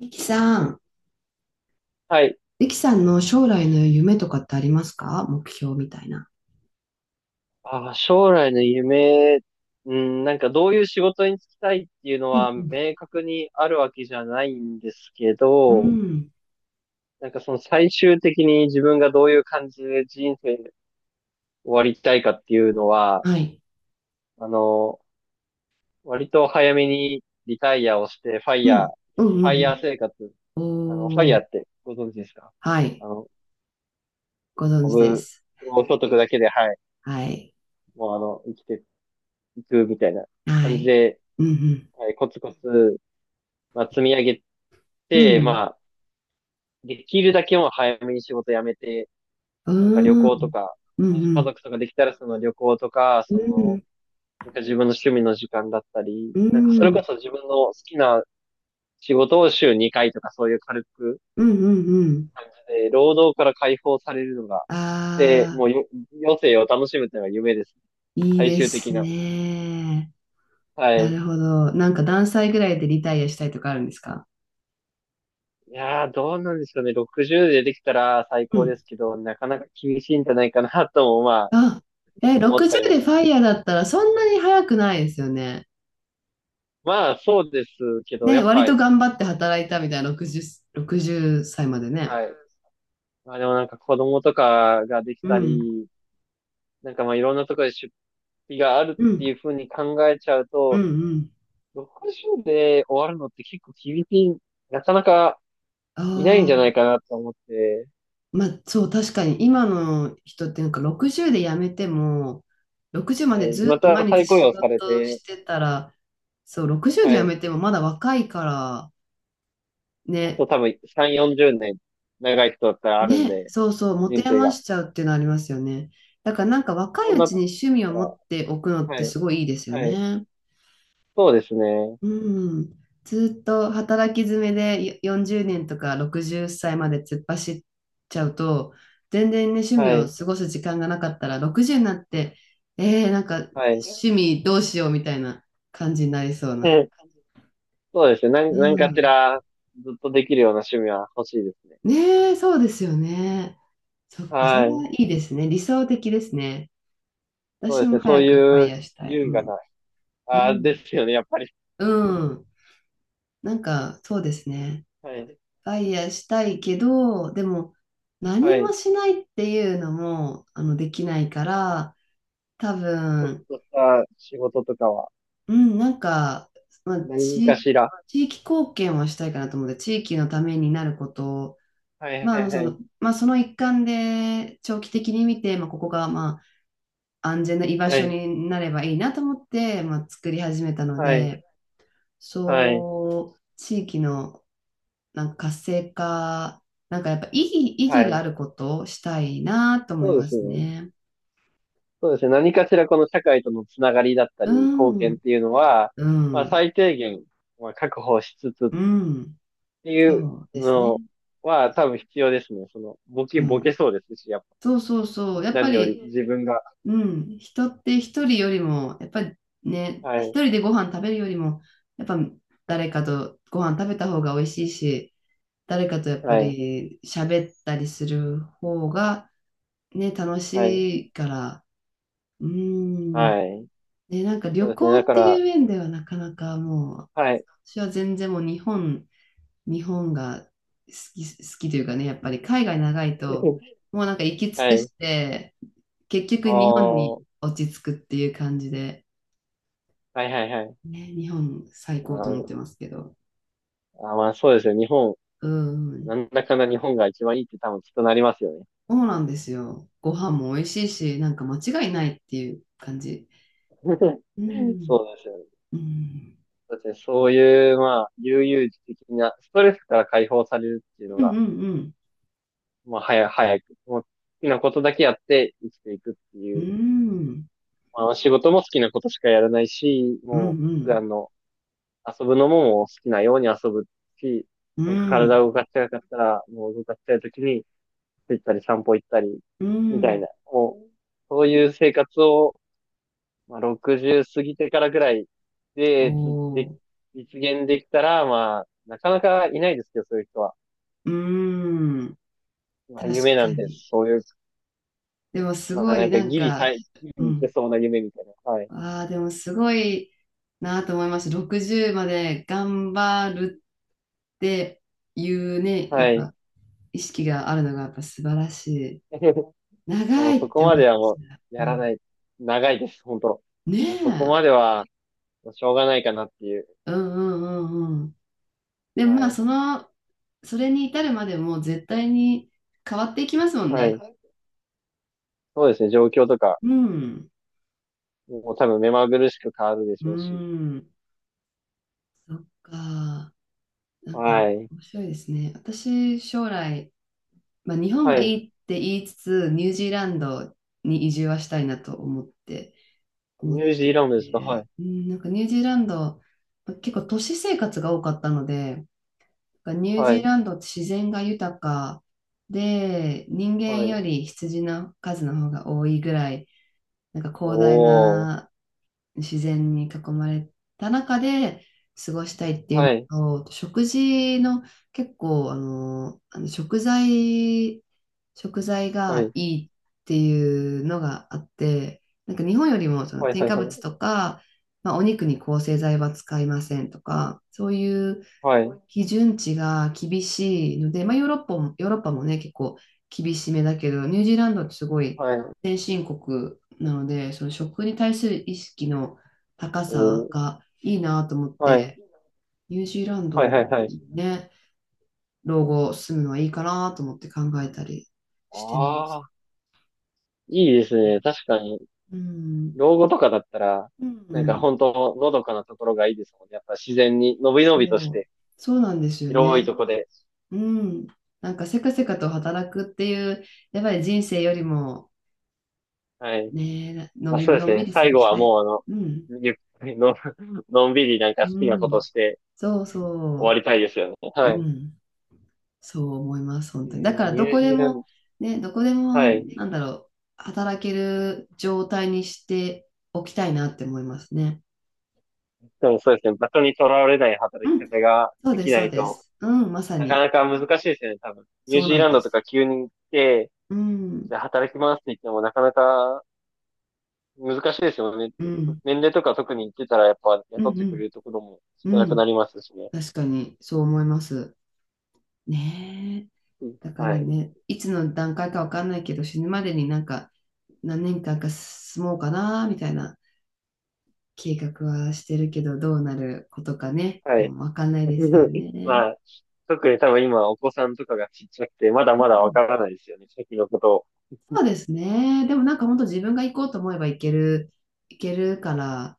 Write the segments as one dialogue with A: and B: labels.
A: リキさん、
B: はい。
A: リキさんの将来の夢とかってありますか？目標みたいな。
B: 将来の夢、うん、なんかどういう仕事に就きたいっていうの
A: うん、
B: は
A: うん、
B: 明確にあるわけじゃないんですけ
A: う
B: ど、
A: ん、
B: なんかその最終的に自分がどういう感じで人生終わりたいかっていうのは、
A: はい。
B: あの、割と早めにリタイアをして、
A: うん、うん、う
B: ファイヤ
A: ん。
B: ー生活、
A: う
B: ファ
A: ん、
B: イ
A: お
B: ヤー
A: ー、
B: ってご存知ですか？
A: は
B: あ
A: い。
B: の、
A: ご存
B: オ
A: 知で
B: ブ、
A: す。
B: ご所得だけで、はい、
A: はい。
B: もう生きていくみたいな
A: は
B: 感じ
A: い。
B: で、
A: うん、
B: はい、コツコツ積み上げ
A: う
B: て、
A: ん、
B: まあ、できるだけもう早めに仕事辞めて、
A: う
B: なんか旅
A: ん、うー
B: 行と
A: ん、
B: か、
A: う
B: もし家
A: ん、
B: 族とかできたらその旅行とか、
A: う
B: そ
A: ん、う
B: の、
A: ん、
B: なんか自分の趣味の時間だったり、
A: う
B: なんかそれ
A: ん、
B: こそ自分の好きな仕事を週2回とかそういう軽く、
A: うん、うん、うん。
B: 労働から解放されるのが、で、も
A: あ
B: うよ余生を楽しむというのが夢です。
A: ー、いい
B: 最
A: で
B: 終
A: す
B: 的な。
A: ね。
B: は
A: な
B: い。
A: るほど。なんか何歳ぐらいでリタイアしたいとかあるんですか
B: いやー、どうなんでしょうね。60でできたら最高ですけど、なかなか厳しいんじゃないかなとも、まあ、
A: あ、え、
B: 思ったり
A: 60
B: もし
A: でファイヤーだったらそんなに早くないですよね。
B: そうですけど、や
A: ね、
B: っ
A: 割
B: ぱ、
A: と頑張って働いたみたいな60歳までね。
B: はい。まあでもなんか子供とかができ
A: う
B: た
A: ん、
B: り、なんかいろんなところで出費がある
A: う
B: って
A: ん、
B: いうふうに考えちゃう
A: うん、
B: と、
A: うん。
B: 60で終わるのって結構厳しい、なかなかいないん
A: あ
B: じゃない
A: あ、
B: かなと思って、
A: まあそう、確かに今の人ってなんか60で辞めても、60ま
B: は
A: で
B: い。
A: ず
B: ま
A: っと毎
B: た
A: 日
B: 再雇
A: 仕
B: 用され
A: 事
B: て、
A: してたら、そう、60で
B: は
A: 辞
B: い。
A: めてもまだ若いから、
B: あ
A: ね、
B: と多分3、40年長い人だったらあるん
A: ね、
B: で、
A: そうそう、持
B: 人
A: て
B: 生
A: 余
B: が。
A: しちゃうっていうのありますよね。だからなんか若い
B: そん
A: う
B: な
A: ち
B: と
A: に
B: こ
A: 趣味を
B: ろだ
A: 持
B: っ
A: っておくのっ
B: たら、
A: て
B: は
A: す
B: い。
A: ごいいいですよ
B: はい。
A: ね。
B: そうですね。
A: うん。ずっと働き詰めでよ40年とか60歳まで突っ走っちゃうと、全然ね、趣味
B: は
A: を
B: い。
A: 過ごす時間がなかったら、60になって、なんか
B: はい。
A: 趣味どうしようみたいな感じになりそうな。
B: そうですね。
A: う
B: 何かし
A: ん。
B: らずっとできるような趣味は欲しいですね。
A: ねえ、そうですよね。そっか、それ
B: は
A: は
B: い。
A: いいですね。理想的ですね。
B: そう
A: 私
B: です
A: も
B: ね。そう
A: 早くファ
B: い
A: イ
B: う
A: ヤーしたい。う
B: 優雅
A: ん。
B: な、
A: う
B: ああ、で
A: ん。
B: すよね、やっぱり。
A: うん。なんか、そうですね。
B: はい。
A: ファイヤーしたいけど、でも、何
B: は
A: も
B: い。
A: しないっていうのも、できないから、多分、
B: そうした仕事とかは、
A: うん、なんか、まあ、
B: 何かしら。
A: 地域貢献はしたいかなと思って、地域のためになることを、
B: はい、
A: まあ、
B: はい、はい。
A: まあ、その一環で、長期的に見て、まあ、ここが、まあ、安全な居場
B: は
A: 所
B: い。
A: になればいいなと思って、まあ、作り始めたの
B: はい。
A: で、
B: はい。
A: そう、地域のなんか活性化、なんかやっぱ意
B: は
A: 義があ
B: い。
A: ることをしたいなと思い
B: そう
A: ま
B: です
A: す
B: ね。
A: ね。
B: そうですね。何かしらこの社会とのつながりだった
A: う
B: り、貢献っ
A: ん、
B: ていうのは、
A: う
B: まあ
A: ん、
B: 最低限、まあ確保しつつっ
A: うん、
B: てい
A: そ
B: う
A: うです
B: の
A: ね。
B: は多分必要ですね。その、
A: う
B: ボケ
A: ん。
B: そうですし、やっぱり
A: そうそうそう。やっぱ
B: 何より、
A: り、
B: 自分が。
A: うん、人って一人よりも、やっぱりね、
B: は
A: 一
B: い、
A: 人でご飯食べるよりも、やっぱ誰かとご飯食べた方が美味しいし、誰かとやっぱ
B: はい、
A: り喋ったりする方がね、楽
B: はい、
A: しいから、うーん。
B: はい。
A: ね、なんか
B: そう
A: 旅
B: ですね。
A: 行
B: だ
A: っ
B: か
A: てい
B: ら、
A: う面ではなかなかもう、
B: はい、
A: 私は全然もう日本が好き、好きというかね、やっぱり海外長いと、もうなんか行き尽
B: は
A: く
B: い、
A: して、結局日本に
B: おー、
A: 落ち着くっていう感じで、
B: はい、はい、はい。
A: ね、日本最
B: あ
A: 高と思っ
B: ー、
A: てますけど。
B: まあ、そうですよ。日本、
A: うん。
B: なんだかんだ日本が一番いいって多分きっとなりますよね。
A: そうなんですよ。ご飯も美味しいし、なんか間違いないっていう感じ。
B: そうで
A: うん。
B: すよね。
A: うん。
B: そうですね。そういう、まあ、悠々自適な、ストレスから解放されるっていうの
A: うん、う
B: が、
A: ん、
B: まあ、早く、もう、好きなことだけやって生きていくって
A: う
B: いう、
A: ん。うん。
B: まあ、仕事も好きなことしかやらないし、
A: うん、
B: もう、
A: う
B: 普
A: ん。
B: 段の、遊ぶのももう好きなように遊ぶし、
A: う
B: なんか体
A: ん。
B: を動かしたかったら、もう動かしたい時に、つたり散歩行ったり、
A: う
B: みたい
A: ん。
B: な、もう、そういう生活を、まあ、60過ぎてからぐらい
A: お
B: で、
A: ー、
B: 実現できたら、まあ、なかなかいないですけど、そういう人は。
A: うーん、
B: まあ、夢
A: 確
B: な
A: か
B: んで
A: に。
B: す。そういう、
A: でもす
B: まあ、
A: ご
B: な
A: い
B: んか
A: なんか、
B: ギ
A: う
B: リいけ
A: ん。
B: そうな夢みたいな。はい。
A: ああ、でもすごいなと思いました。60まで頑張るっていうね、やっ
B: はい。
A: ぱ意識があるのがやっぱ素晴らしい。
B: も
A: 長
B: うそ
A: いっ
B: こ
A: て
B: ま
A: 思っ
B: では
A: ち
B: もう、
A: ゃう。
B: や
A: う
B: ら
A: ん、
B: ない。長いです、本当。
A: ね
B: もうそこ
A: え。
B: までは、しょうがないかなっていう。
A: うん、うん、うん、うん。でもま
B: は
A: あ、
B: い。
A: それに至るまでも絶対に変わっていきますもん
B: は
A: ね。
B: い。そうですね。状況とか、
A: うん。
B: もう多分目まぐるしく変わるでし
A: う
B: ょうし。
A: ん。そっか。なんか
B: はい。
A: 面白いですね。私、将来、まあ、日本
B: は
A: が
B: い。
A: いいって言いつつ、ニュージーランドに移住はしたいなと思
B: ニ
A: っ
B: ュージ
A: て
B: ーランドですか？はい。
A: て、うん、なんかニュージーランド、まあ結構都市生活が多かったので、なんかニュージ
B: は
A: ー
B: い。
A: ランドって自然が豊かで、人間
B: は
A: よ
B: い。
A: り羊の数の方が多いぐらい、なんか広大
B: おー。
A: な自然に囲まれた中で過ごしたいってい
B: は
A: う
B: い。
A: のと、食事の結構、食材
B: は
A: が
B: い。
A: いいっていうのがあって、なんか日本よりもその
B: はい。
A: 添
B: はい。
A: 加
B: は
A: 物
B: い。
A: とか、まあ、お肉に抗生剤は使いませんとか、そういう
B: はい。
A: 基準値が厳しいので、まあ、ヨーロッパもね、結構厳しめだけど、ニュージーランドってすごい
B: はい。
A: 先進国なので、その食に対する意識の高さ
B: おー。
A: がいいなと思っ
B: はい。
A: て、ニュージーラン
B: はい。はい。
A: ド
B: はい。
A: ね、老後住むのはいいかなと思って考えたりしてま
B: あ
A: す。
B: あ、いいですね。確かに、
A: うん、
B: 老後とかだったら、
A: う
B: なんか
A: ん、
B: 本当、のどかなところがいいですもんね。やっぱ自然に、のびのびとし
A: そう、
B: て、
A: そうなんですよ
B: 広いと
A: ね。
B: こで。
A: うん、なんかせかせかと働くっていう、やっぱり人生よりも、
B: はい。
A: ねえ、
B: まあ、そうで
A: のん
B: す
A: び
B: ね。
A: り過
B: 最
A: ご
B: 後
A: し
B: は
A: たい。
B: も
A: うん。
B: う、ゆっくりの、のんびりなんか
A: う
B: 好きなこと
A: ん。
B: して
A: そう
B: 終わ
A: そ
B: りたいですよね。
A: う。
B: はい。
A: うん。そう思います、本
B: え
A: 当に。だ
B: ー
A: から、
B: ニ
A: ど
B: ュー
A: こ
B: ジ
A: で
B: ーラン
A: も、
B: ド、
A: ね、どこでも、
B: はい。
A: なんだろう、働ける状態にしておきたいなって思いますね。
B: でもそうですね。場所にとらわれない
A: う
B: 働き
A: ん。
B: 方が
A: そう
B: で
A: で
B: き
A: す、
B: な
A: そう
B: い
A: で
B: と、
A: す。うん、まさ
B: なか
A: に。
B: なか難しいですよね、多分。ニュ
A: そ
B: ー
A: う
B: ジー
A: なん
B: ラン
A: で
B: ドと
A: す。
B: か急に行って、
A: う
B: じ
A: ん。
B: ゃあ働きますって言ってもなかなか難しいですよね。
A: うん。
B: 年齢とか特に行ってたらやっぱ
A: う
B: 雇っ
A: ん、
B: てくれるところも
A: う
B: 少な
A: ん。う
B: くな
A: ん。
B: りますしね。
A: 確かに、そう思います。ねえ。
B: うん、
A: だか
B: は
A: ら
B: い。
A: ね、いつの段階かわかんないけど、死ぬまでになんか何年間か住もうかなみたいな計画はしてるけど、どうなることかね、
B: は
A: も
B: い。
A: うわかんないですよ ね。
B: まあ、特に多分今お子さんとかがちっちゃくて、まだ
A: うん、
B: まだわ
A: うん、
B: からないですよね、先のことを。
A: そうですね。でもなんか本当自分が行こうと思えば行けるから、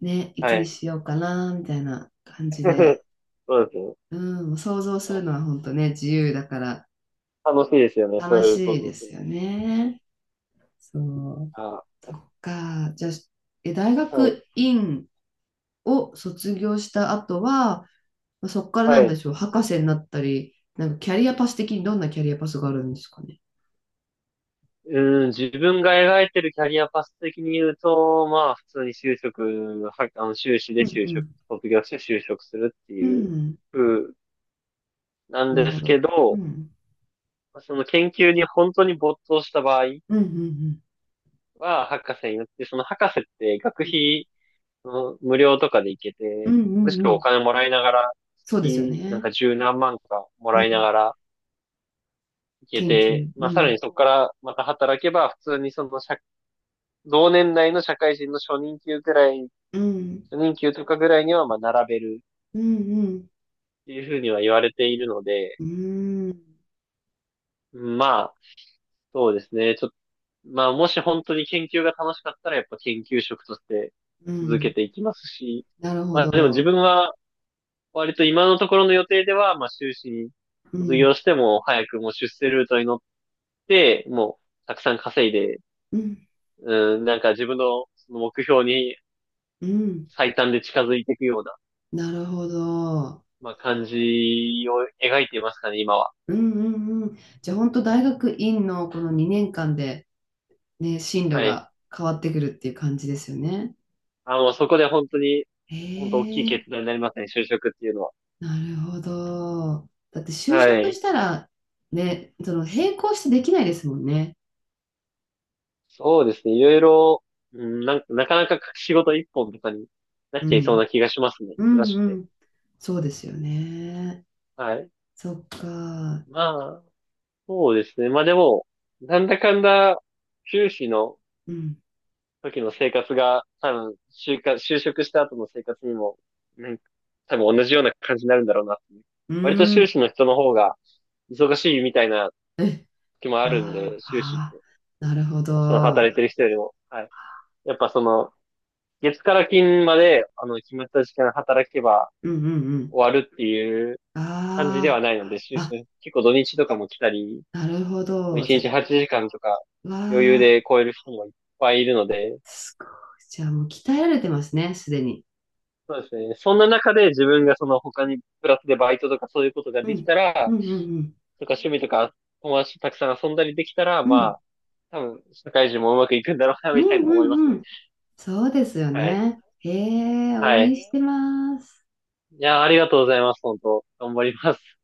A: ね、い
B: は
A: つに
B: い。
A: しようかなみたいな感じで、
B: そうですね。
A: うん、想像するのは本当ね、自由だから
B: 楽しいですよね、そ
A: 楽
B: ういう
A: し
B: 想
A: いで
B: 像す
A: す
B: る。
A: よね。そう。
B: あ、
A: そっか。じゃあ、え、大
B: はい。
A: 学院を卒業した後は、まあそこから
B: は
A: なんで
B: い。
A: しょう、博士になったり、なんかキャリアパス的にどんなキャリアパスがあるんですかね。
B: うん、自分が描いてるキャリアパス的に言うと、まあ、普通に就職、は、あの、修士
A: う
B: で
A: ん、
B: 就
A: う
B: 職、
A: ん、
B: 卒業して就職するって
A: う
B: いう
A: ん、
B: 風なん
A: なる
B: で
A: ほ
B: すけ
A: ど。う
B: ど、
A: ん、
B: その研究に本当に没頭した場合
A: うん、うん、
B: は、博士になって、その博士って学
A: うん、
B: 費うん無料とかで行け
A: う
B: て、
A: ん、う
B: むし
A: ん、う
B: ろお
A: ん、
B: 金もらいながら、
A: そうですよ
B: 月、なん
A: ね。
B: か十何万かも
A: う
B: らいな
A: ん、
B: がら行け
A: 研
B: て、
A: 究。う
B: まあさら
A: ん、
B: にそこからまた働けば、普通にその社、同年代の社会人の初任給ぐらい、
A: うん、
B: 初任給ぐらいにはまあ並べる
A: うん、
B: っていうふうには言われているので、
A: うん、うん、
B: うん、まあ、そうですね。ちょっと、まあもし本当に研究が楽しかったらやっぱ研究職として
A: う
B: 続け
A: ん、
B: ていきますし、
A: なるほ
B: まあでも自
A: ど。
B: 分は割と今のところの予定では、まあ、修士に
A: う
B: 卒
A: ん、
B: 業しても、早くもう出世ルートに乗って、もう、たくさん稼いで、
A: うん、
B: うん、なんか自分のその目標に
A: うん、
B: 最短で近づいていくような、
A: なるほど。
B: まあ、感じを描いていますかね、今は。
A: うん、うん、うん。じゃあ本当大学院のこの2年間でね、進路
B: はい。
A: が変わってくるっていう感じですよね。
B: そこで本当に、
A: え
B: 本当大きい
A: え、
B: 決断になりますね、就職っていうのは。
A: なるほど。だって就
B: は
A: 職
B: い。
A: したら、ね、その並行してできないですもんね。
B: そうですね、いろいろ、うん、なんか、なかなか仕事一本とかになっ
A: う
B: ちゃいそう
A: ん。
B: な気がしますね、
A: う
B: 忙
A: ん、
B: しく
A: う
B: て。
A: ん。そうですよね。
B: はい。
A: そっか。
B: まあ、そうですね。まあでも、なんだかんだ、修士の
A: うん。
B: 時の生活が、多分、就活、就職した後の生活にも、なんか、多分同じような感じになるんだろうなっていう。
A: う
B: 割と
A: ーん。
B: 修士の人の方が忙しいみたいな
A: え、
B: 時もあるん
A: あ
B: で、修士っ
A: あ、あ
B: て、
A: あ、なるほ
B: その
A: ど。
B: 働いてる人よりも、はい。やっぱその、月から金まで、決まった時間働けば
A: うん、うん、うん。
B: 終わるっていう感じで
A: あ
B: はないので、修
A: あ、
B: 士、結構土日とかも来たり、
A: あ、なるほ
B: もう
A: ど。
B: 1
A: じゃ、
B: 日8時間とか
A: わ
B: 余裕
A: あ、
B: で超える人もいっぱいいるので、
A: すごい。じゃあもう鍛えられてますね、すでに。
B: そうですね。そんな中で自分がその他にプラスでバイトとかそういうことが
A: う
B: でき
A: ん。
B: た
A: う
B: ら、
A: ん、うん、うん。
B: とか趣味とか友達とたくさん遊んだりできたら、
A: うん、
B: まあ、多分社会人もうまくいくんだろうな、
A: うん、
B: みたいな
A: う
B: 思います
A: ん、う
B: ね。
A: ん。そうですよ
B: はい。
A: ね。へえ、応
B: は
A: 援し
B: い。
A: てます。
B: いやー、ありがとうございます、本当。頑張ります。